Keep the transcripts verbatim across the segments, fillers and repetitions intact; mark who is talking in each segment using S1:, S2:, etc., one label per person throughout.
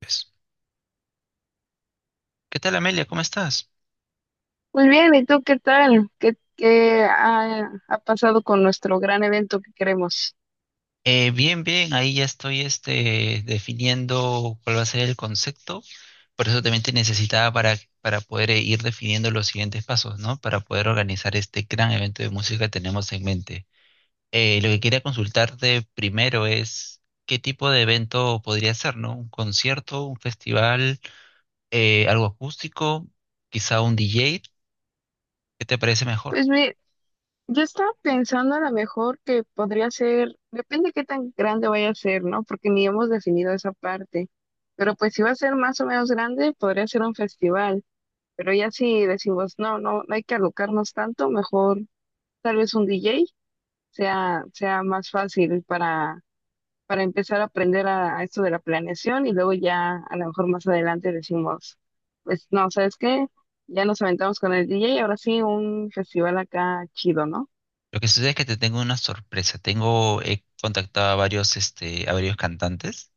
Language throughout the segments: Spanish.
S1: Pues, ¿qué tal, Amelia? ¿Cómo estás?
S2: Muy bien, ¿y tú qué tal? ¿Qué, qué ha, ha pasado con nuestro gran evento que queremos?
S1: Eh, bien, bien, ahí ya estoy este, definiendo cuál va a ser el concepto. Por eso también te necesitaba para, para poder eh, ir definiendo los siguientes pasos, ¿no? Para poder organizar este gran evento de música que tenemos en mente. Eh, lo que quería consultarte primero es qué tipo de evento podría ser, ¿no? ¿Un concierto, un festival, eh, algo acústico, quizá un D J? ¿Qué te parece mejor?
S2: Pues mi- yo estaba pensando a lo mejor que podría ser, depende qué tan grande vaya a ser, ¿no? Porque ni hemos definido esa parte. Pero pues si va a ser más o menos grande, podría ser un festival. Pero ya si decimos, no, no, no hay que alocarnos tanto, mejor tal vez un D J sea, sea más fácil para empezar a aprender a, a esto de la planeación, y luego ya a lo mejor más adelante decimos, pues no, ¿sabes qué? Ya nos aventamos con el D J y ahora sí un festival acá chido, ¿no?
S1: Lo que sucede es que te tengo una sorpresa. Tengo, he contactado a varios, este, a varios cantantes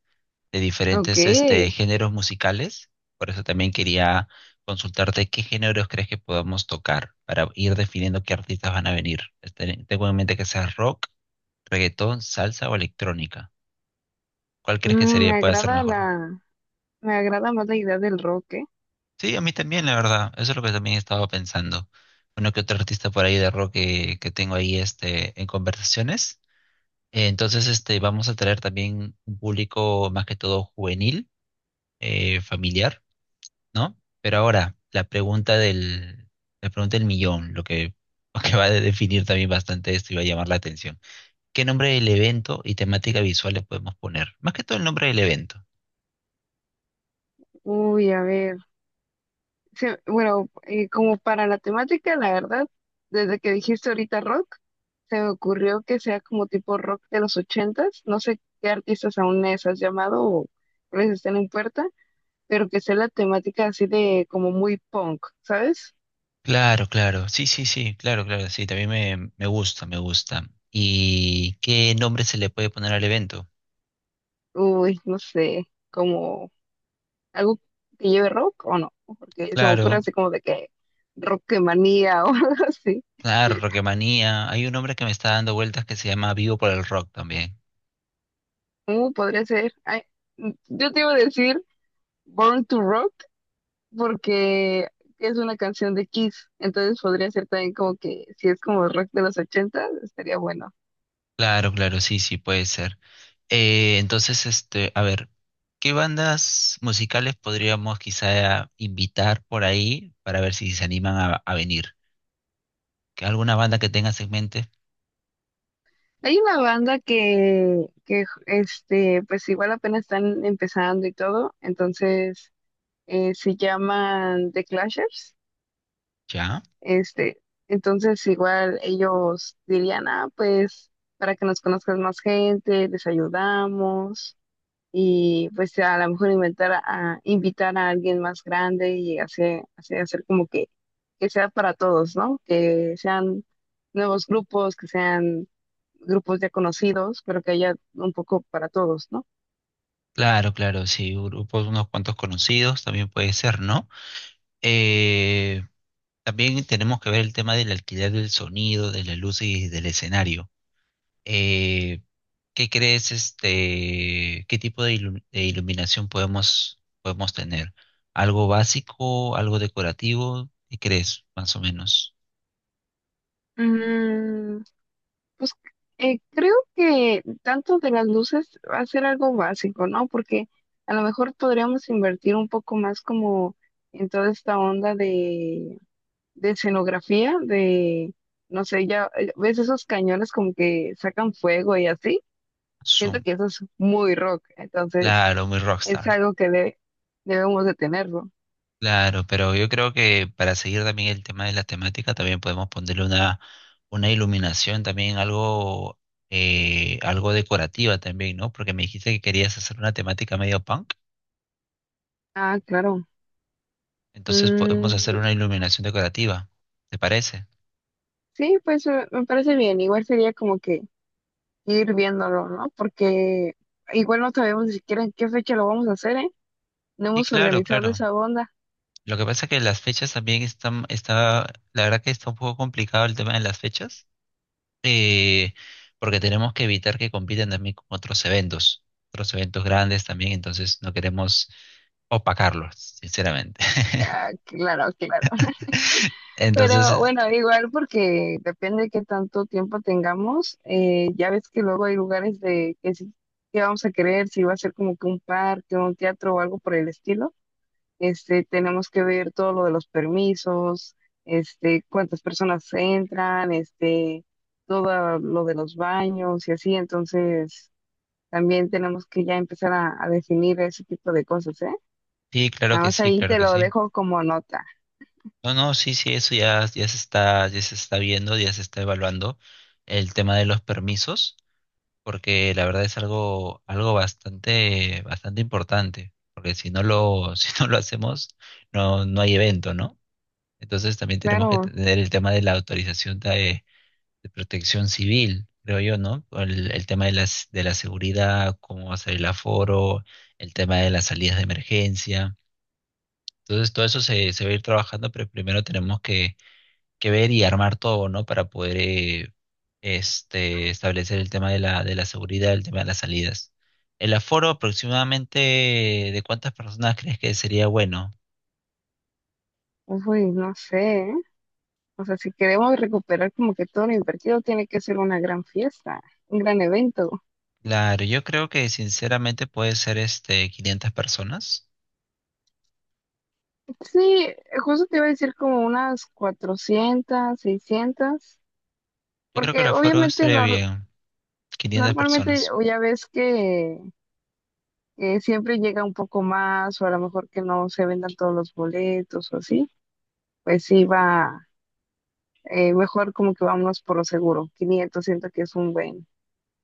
S1: de
S2: Ok.
S1: diferentes, este, géneros musicales. Por eso también quería consultarte qué géneros crees que podamos tocar para ir definiendo qué artistas van a venir. Este, Tengo en mente que sea rock, reggaetón, salsa o electrónica. ¿Cuál crees que
S2: Mm, me
S1: sería, puede ser
S2: agrada
S1: mejor?
S2: la, me agrada más la idea del rock, ¿eh?
S1: Sí, a mí también, la verdad. Eso es lo que también estaba pensando. Uno que otro artista por ahí de rock que, que tengo ahí, este, en conversaciones. Eh, Entonces, este, vamos a traer también un público más que todo juvenil, eh, familiar, ¿no? Pero ahora, la pregunta del, la pregunta del millón, lo que, lo que va a definir también bastante esto y va a llamar la atención. ¿Qué nombre del evento y temática visual le podemos poner? Más que todo el nombre del evento.
S2: Uy, a ver, se- bueno, eh, como para la temática, la verdad, desde que dijiste ahorita rock, se me ocurrió que sea como tipo rock de los ochentas. No sé qué artistas aún les has llamado o les estén en puerta, pero que sea la temática así de como muy punk, ¿sabes?
S1: Claro, claro, sí, sí, sí, claro, claro, sí, también me, me gusta, me gusta. ¿Y qué nombre se le puede poner al evento?
S2: Uy, no sé, como algo que lleve rock o no, porque se me ocurre
S1: Claro,
S2: así como de que manía o algo así.
S1: claro, Rocketmanía. Hay un hombre que me está dando vueltas que se llama Vivo por el Rock también.
S2: ¿Cómo podría ser? Ay, mm, yo te iba a decir Born to Rock porque es una canción de Kiss. Entonces podría ser también como que si es como rock de los ochenta, estaría bueno.
S1: Claro, claro, sí, sí, puede ser. Eh, entonces, este, a ver, ¿qué bandas musicales podríamos quizá invitar por ahí para ver si se animan a, a venir? ¿Que alguna banda que tengas en mente?
S2: Hay una banda que, que este, pues igual apenas están empezando y todo, entonces eh, se llaman The Clashers.
S1: Ya.
S2: Este, entonces igual ellos dirían, ah, pues para que nos conozcas más gente, les ayudamos, y pues a lo mejor inventar a, invitar a alguien más grande y hacer, hacer, hacer como que, que sea para todos, ¿no? Que sean nuevos grupos, que sean grupos ya conocidos, pero que haya un poco para todos, ¿no?
S1: Claro, claro, sí, grupos, unos cuantos conocidos también puede ser, ¿no? Eh, También tenemos que ver el tema del alquiler del sonido, de la luz y del escenario. Eh, ¿Qué crees, este, qué tipo de, ilu- de iluminación podemos, podemos tener? ¿Algo básico, algo decorativo? ¿Qué crees, más o menos?
S2: Mm. Pues eh, creo que tanto de las luces va a ser algo básico, ¿no? Porque a lo mejor podríamos invertir un poco más como en toda esta onda de, de escenografía, de, no sé. Ya eh, ves esos cañones como que sacan fuego y así. Siento
S1: Zoom.
S2: que eso es muy rock, entonces
S1: Claro, muy
S2: es
S1: rockstar.
S2: algo que de- debemos de tenerlo.
S1: Claro, pero yo creo que para seguir también el tema de la temática, también podemos ponerle una, una iluminación también algo, eh, algo decorativa también, ¿no? Porque me dijiste que querías hacer una temática medio punk,
S2: Ah, claro.
S1: entonces podemos
S2: Mm,
S1: hacer una iluminación decorativa, ¿te parece?
S2: sí, pues eh, me parece bien. Igual sería como que ir viéndolo, ¿no? Porque igual no sabemos ni siquiera en qué fecha lo vamos a hacer, ¿eh? No
S1: Sí,
S2: hemos
S1: claro,
S2: organizado
S1: claro.
S2: esa onda.
S1: Lo que pasa es que las fechas también están, está, la verdad que está un poco complicado el tema de las fechas, eh, porque tenemos que evitar que compitan también con otros eventos, otros eventos grandes también, entonces no queremos opacarlos, sinceramente.
S2: Ah, claro, claro. Pero
S1: Entonces,
S2: bueno, igual porque depende de qué tanto tiempo tengamos. eh, ya ves que luego hay lugares de que sí, que vamos a querer, si va a ser como que un parque, un teatro o algo por el estilo. Este, tenemos que ver todo lo de los permisos, este, cuántas personas entran, este, todo lo de los baños y así. Entonces también tenemos que ya empezar a, a definir ese tipo de cosas, ¿eh?
S1: sí, claro
S2: Nada
S1: que
S2: más
S1: sí,
S2: ahí
S1: claro
S2: te
S1: que
S2: lo
S1: sí.
S2: dejo como nota.
S1: No, no, sí, sí, eso ya, ya se está, ya se está viendo, ya se está evaluando el tema de los permisos. Porque la verdad es algo, algo bastante, bastante importante, porque si no lo, si no lo hacemos, no, no hay evento, ¿no? Entonces también tenemos que
S2: Claro,
S1: tener el tema de la autorización de, de protección civil, creo yo, ¿no? El, el tema de las, de la seguridad, cómo va a ser el aforo, el tema de las salidas de emergencia. Entonces todo eso se, se va a ir trabajando, pero primero tenemos que que ver y armar todo, ¿no? Para poder eh, este, establecer el tema de la, de la seguridad, el tema de las salidas. El aforo aproximadamente de cuántas personas crees que sería bueno.
S2: uy, no sé, ¿eh? O sea, si queremos recuperar como que todo lo invertido, tiene que ser una gran fiesta, un gran evento.
S1: Claro, yo creo que sinceramente puede ser este quinientas personas.
S2: Sí, justo te iba a decir como unas cuatrocientas seiscientas,
S1: Yo creo que el
S2: porque
S1: aforo
S2: obviamente
S1: estaría
S2: nor-
S1: bien, quinientas
S2: normalmente,
S1: personas.
S2: o ya ves que, que siempre llega un poco más, o a lo mejor que no se vendan todos los boletos o así. Pues sí va eh, mejor como que vámonos por lo seguro. Quinientos siento que es un buen,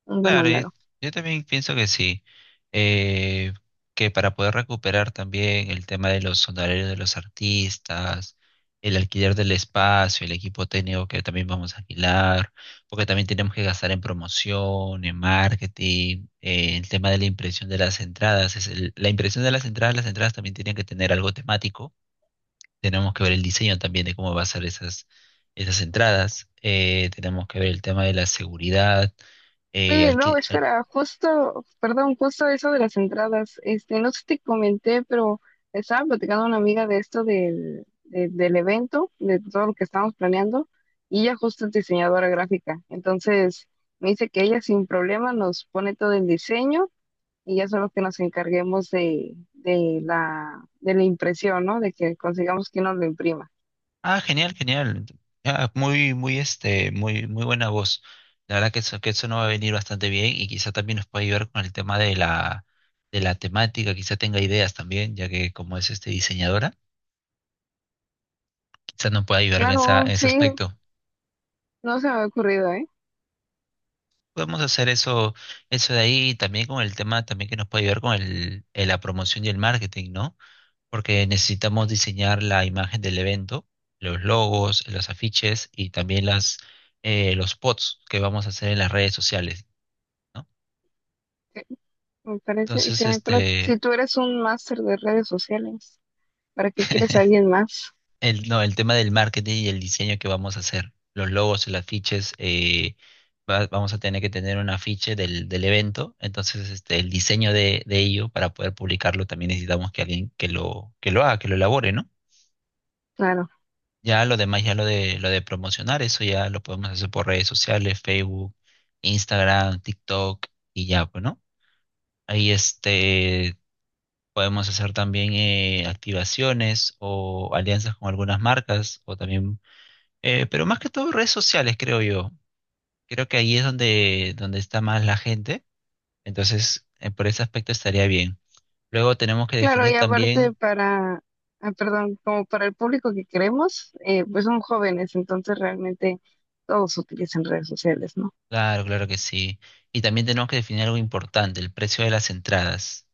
S2: un buen
S1: Claro, yo,
S2: número.
S1: yo también pienso que sí, eh, que para poder recuperar también el tema de los honorarios de los artistas, el alquiler del espacio, el equipo técnico que también vamos a alquilar, porque también tenemos que gastar en promoción, en marketing, eh, el tema de la impresión de las entradas, es el- la impresión de las entradas, las entradas también tienen que tener algo temático, tenemos que ver el diseño también de cómo va a ser esas, esas entradas, eh, tenemos que ver el tema de la seguridad. eh,
S2: Oye, no, espera, justo, perdón, justo eso de las entradas. Este, no sé si te comenté, pero estaba platicando a una amiga de esto del, de- del evento, de todo lo que estábamos planeando, y ella justo es diseñadora gráfica. Entonces me dice que ella sin problema nos pone todo el diseño, y ya solo que nos encarguemos de, de la, de la impresión, ¿no? De que consigamos que nos lo imprima.
S1: Ah, genial, genial. Ah, muy, muy, este, muy, muy buena voz. La verdad que eso, que eso nos va a venir bastante bien y quizá también nos puede ayudar con el tema de la, de la temática, quizá tenga ideas también, ya que como es este diseñadora, quizá nos pueda ayudar en esa,
S2: Claro,
S1: en
S2: sí.
S1: ese aspecto.
S2: No se me ha ocurrido, ¿eh?
S1: Podemos hacer eso, eso de ahí y también con el tema también que nos puede ayudar con el, eh, la promoción y el marketing, ¿no? Porque necesitamos diseñar la imagen del evento, los logos, los afiches y también las, eh, los spots que vamos a hacer en las redes sociales, ¿no?
S2: Eh, Me parece
S1: Entonces,
S2: excelente. Pero si
S1: este,
S2: tú eres un máster de redes sociales, ¿para qué quieres a alguien más?
S1: el, no, el tema del marketing y el diseño que vamos a hacer, los logos, los afiches, eh, va- vamos a tener que tener un afiche del, del evento, entonces este, el diseño de, de ello para poder publicarlo también necesitamos que alguien que lo, que lo haga, que lo elabore, ¿no?
S2: Claro.
S1: Ya lo demás, ya lo de lo de promocionar, eso ya lo podemos hacer por redes sociales, Facebook, Instagram, TikTok y ya, pues, ¿no? Ahí este podemos hacer también eh, activaciones o alianzas con algunas marcas o también, eh, pero más que todo redes sociales, creo yo. Creo que ahí es donde donde está más la gente, entonces eh, por ese aspecto estaría bien. Luego tenemos que
S2: Claro,
S1: definir
S2: y aparte
S1: también,
S2: para, ah, perdón, como para el público que queremos, eh, pues son jóvenes, entonces realmente todos utilizan redes sociales, ¿no?
S1: claro, claro que sí, y también tenemos que definir algo importante, el precio de las entradas.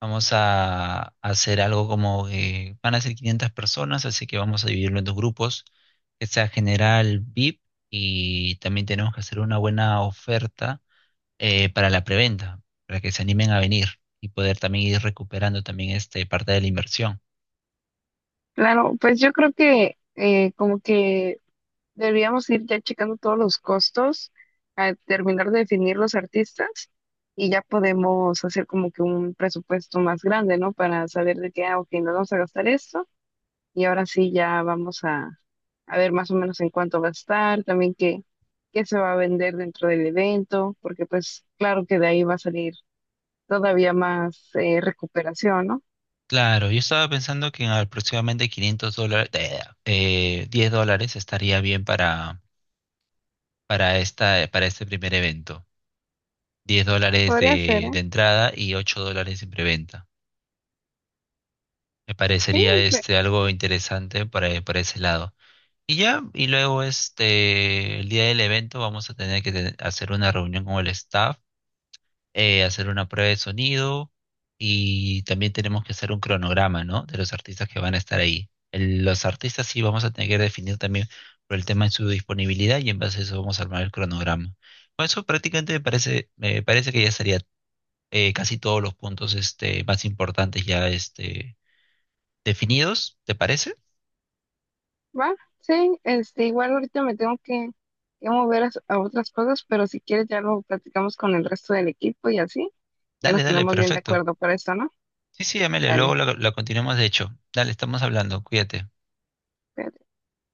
S1: Vamos a, hacer algo como que van a ser quinientas personas, así que vamos a dividirlo en dos grupos, que sea general V I P, y también tenemos que hacer una buena oferta eh, para la preventa, para que se animen a venir y poder también ir recuperando también este, parte de la inversión.
S2: Claro, pues yo creo que eh, como que deberíamos ir ya checando todos los costos, a terminar de definir los artistas, y ya podemos hacer como que un presupuesto más grande, ¿no? Para saber de qué, ah, ok, nos vamos a gastar esto, y ahora sí ya vamos a, a ver más o menos en cuánto gastar. También qué, qué se va a vender dentro del evento, porque pues claro que de ahí va a salir todavía más eh, recuperación, ¿no?
S1: Claro, yo estaba pensando que en aproximadamente quinientos dólares, eh, diez dólares estaría bien para, para, esta, para este primer evento. Diez dólares
S2: Podría ser,
S1: de,
S2: ¿eh?
S1: de entrada y ocho dólares en preventa. Me
S2: Sí.
S1: parecería este algo interesante para, para ese lado. Y ya, y luego este, el día del evento vamos a tener que te- hacer una reunión con el staff, eh, hacer una prueba de sonido y también tenemos que hacer un cronograma, ¿no? De los artistas que van a estar ahí. El- los artistas sí vamos a tener que definir también por el tema de su disponibilidad y en base a eso vamos a armar el cronograma. Con eso prácticamente me parece, me parece que ya estaría eh, casi todos los puntos este, más importantes ya este, definidos, ¿te parece?
S2: Va, sí, este, igual ahorita me tengo que, que mover a, a otras cosas, pero si quieres ya lo platicamos con el resto del equipo, y así ya
S1: Dale,
S2: nos
S1: dale,
S2: ponemos bien de
S1: perfecto.
S2: acuerdo para esto, ¿no?
S1: Sí, sí, Amelia,
S2: Dale.
S1: luego la, la continuamos de hecho. Dale, estamos hablando, cuídate.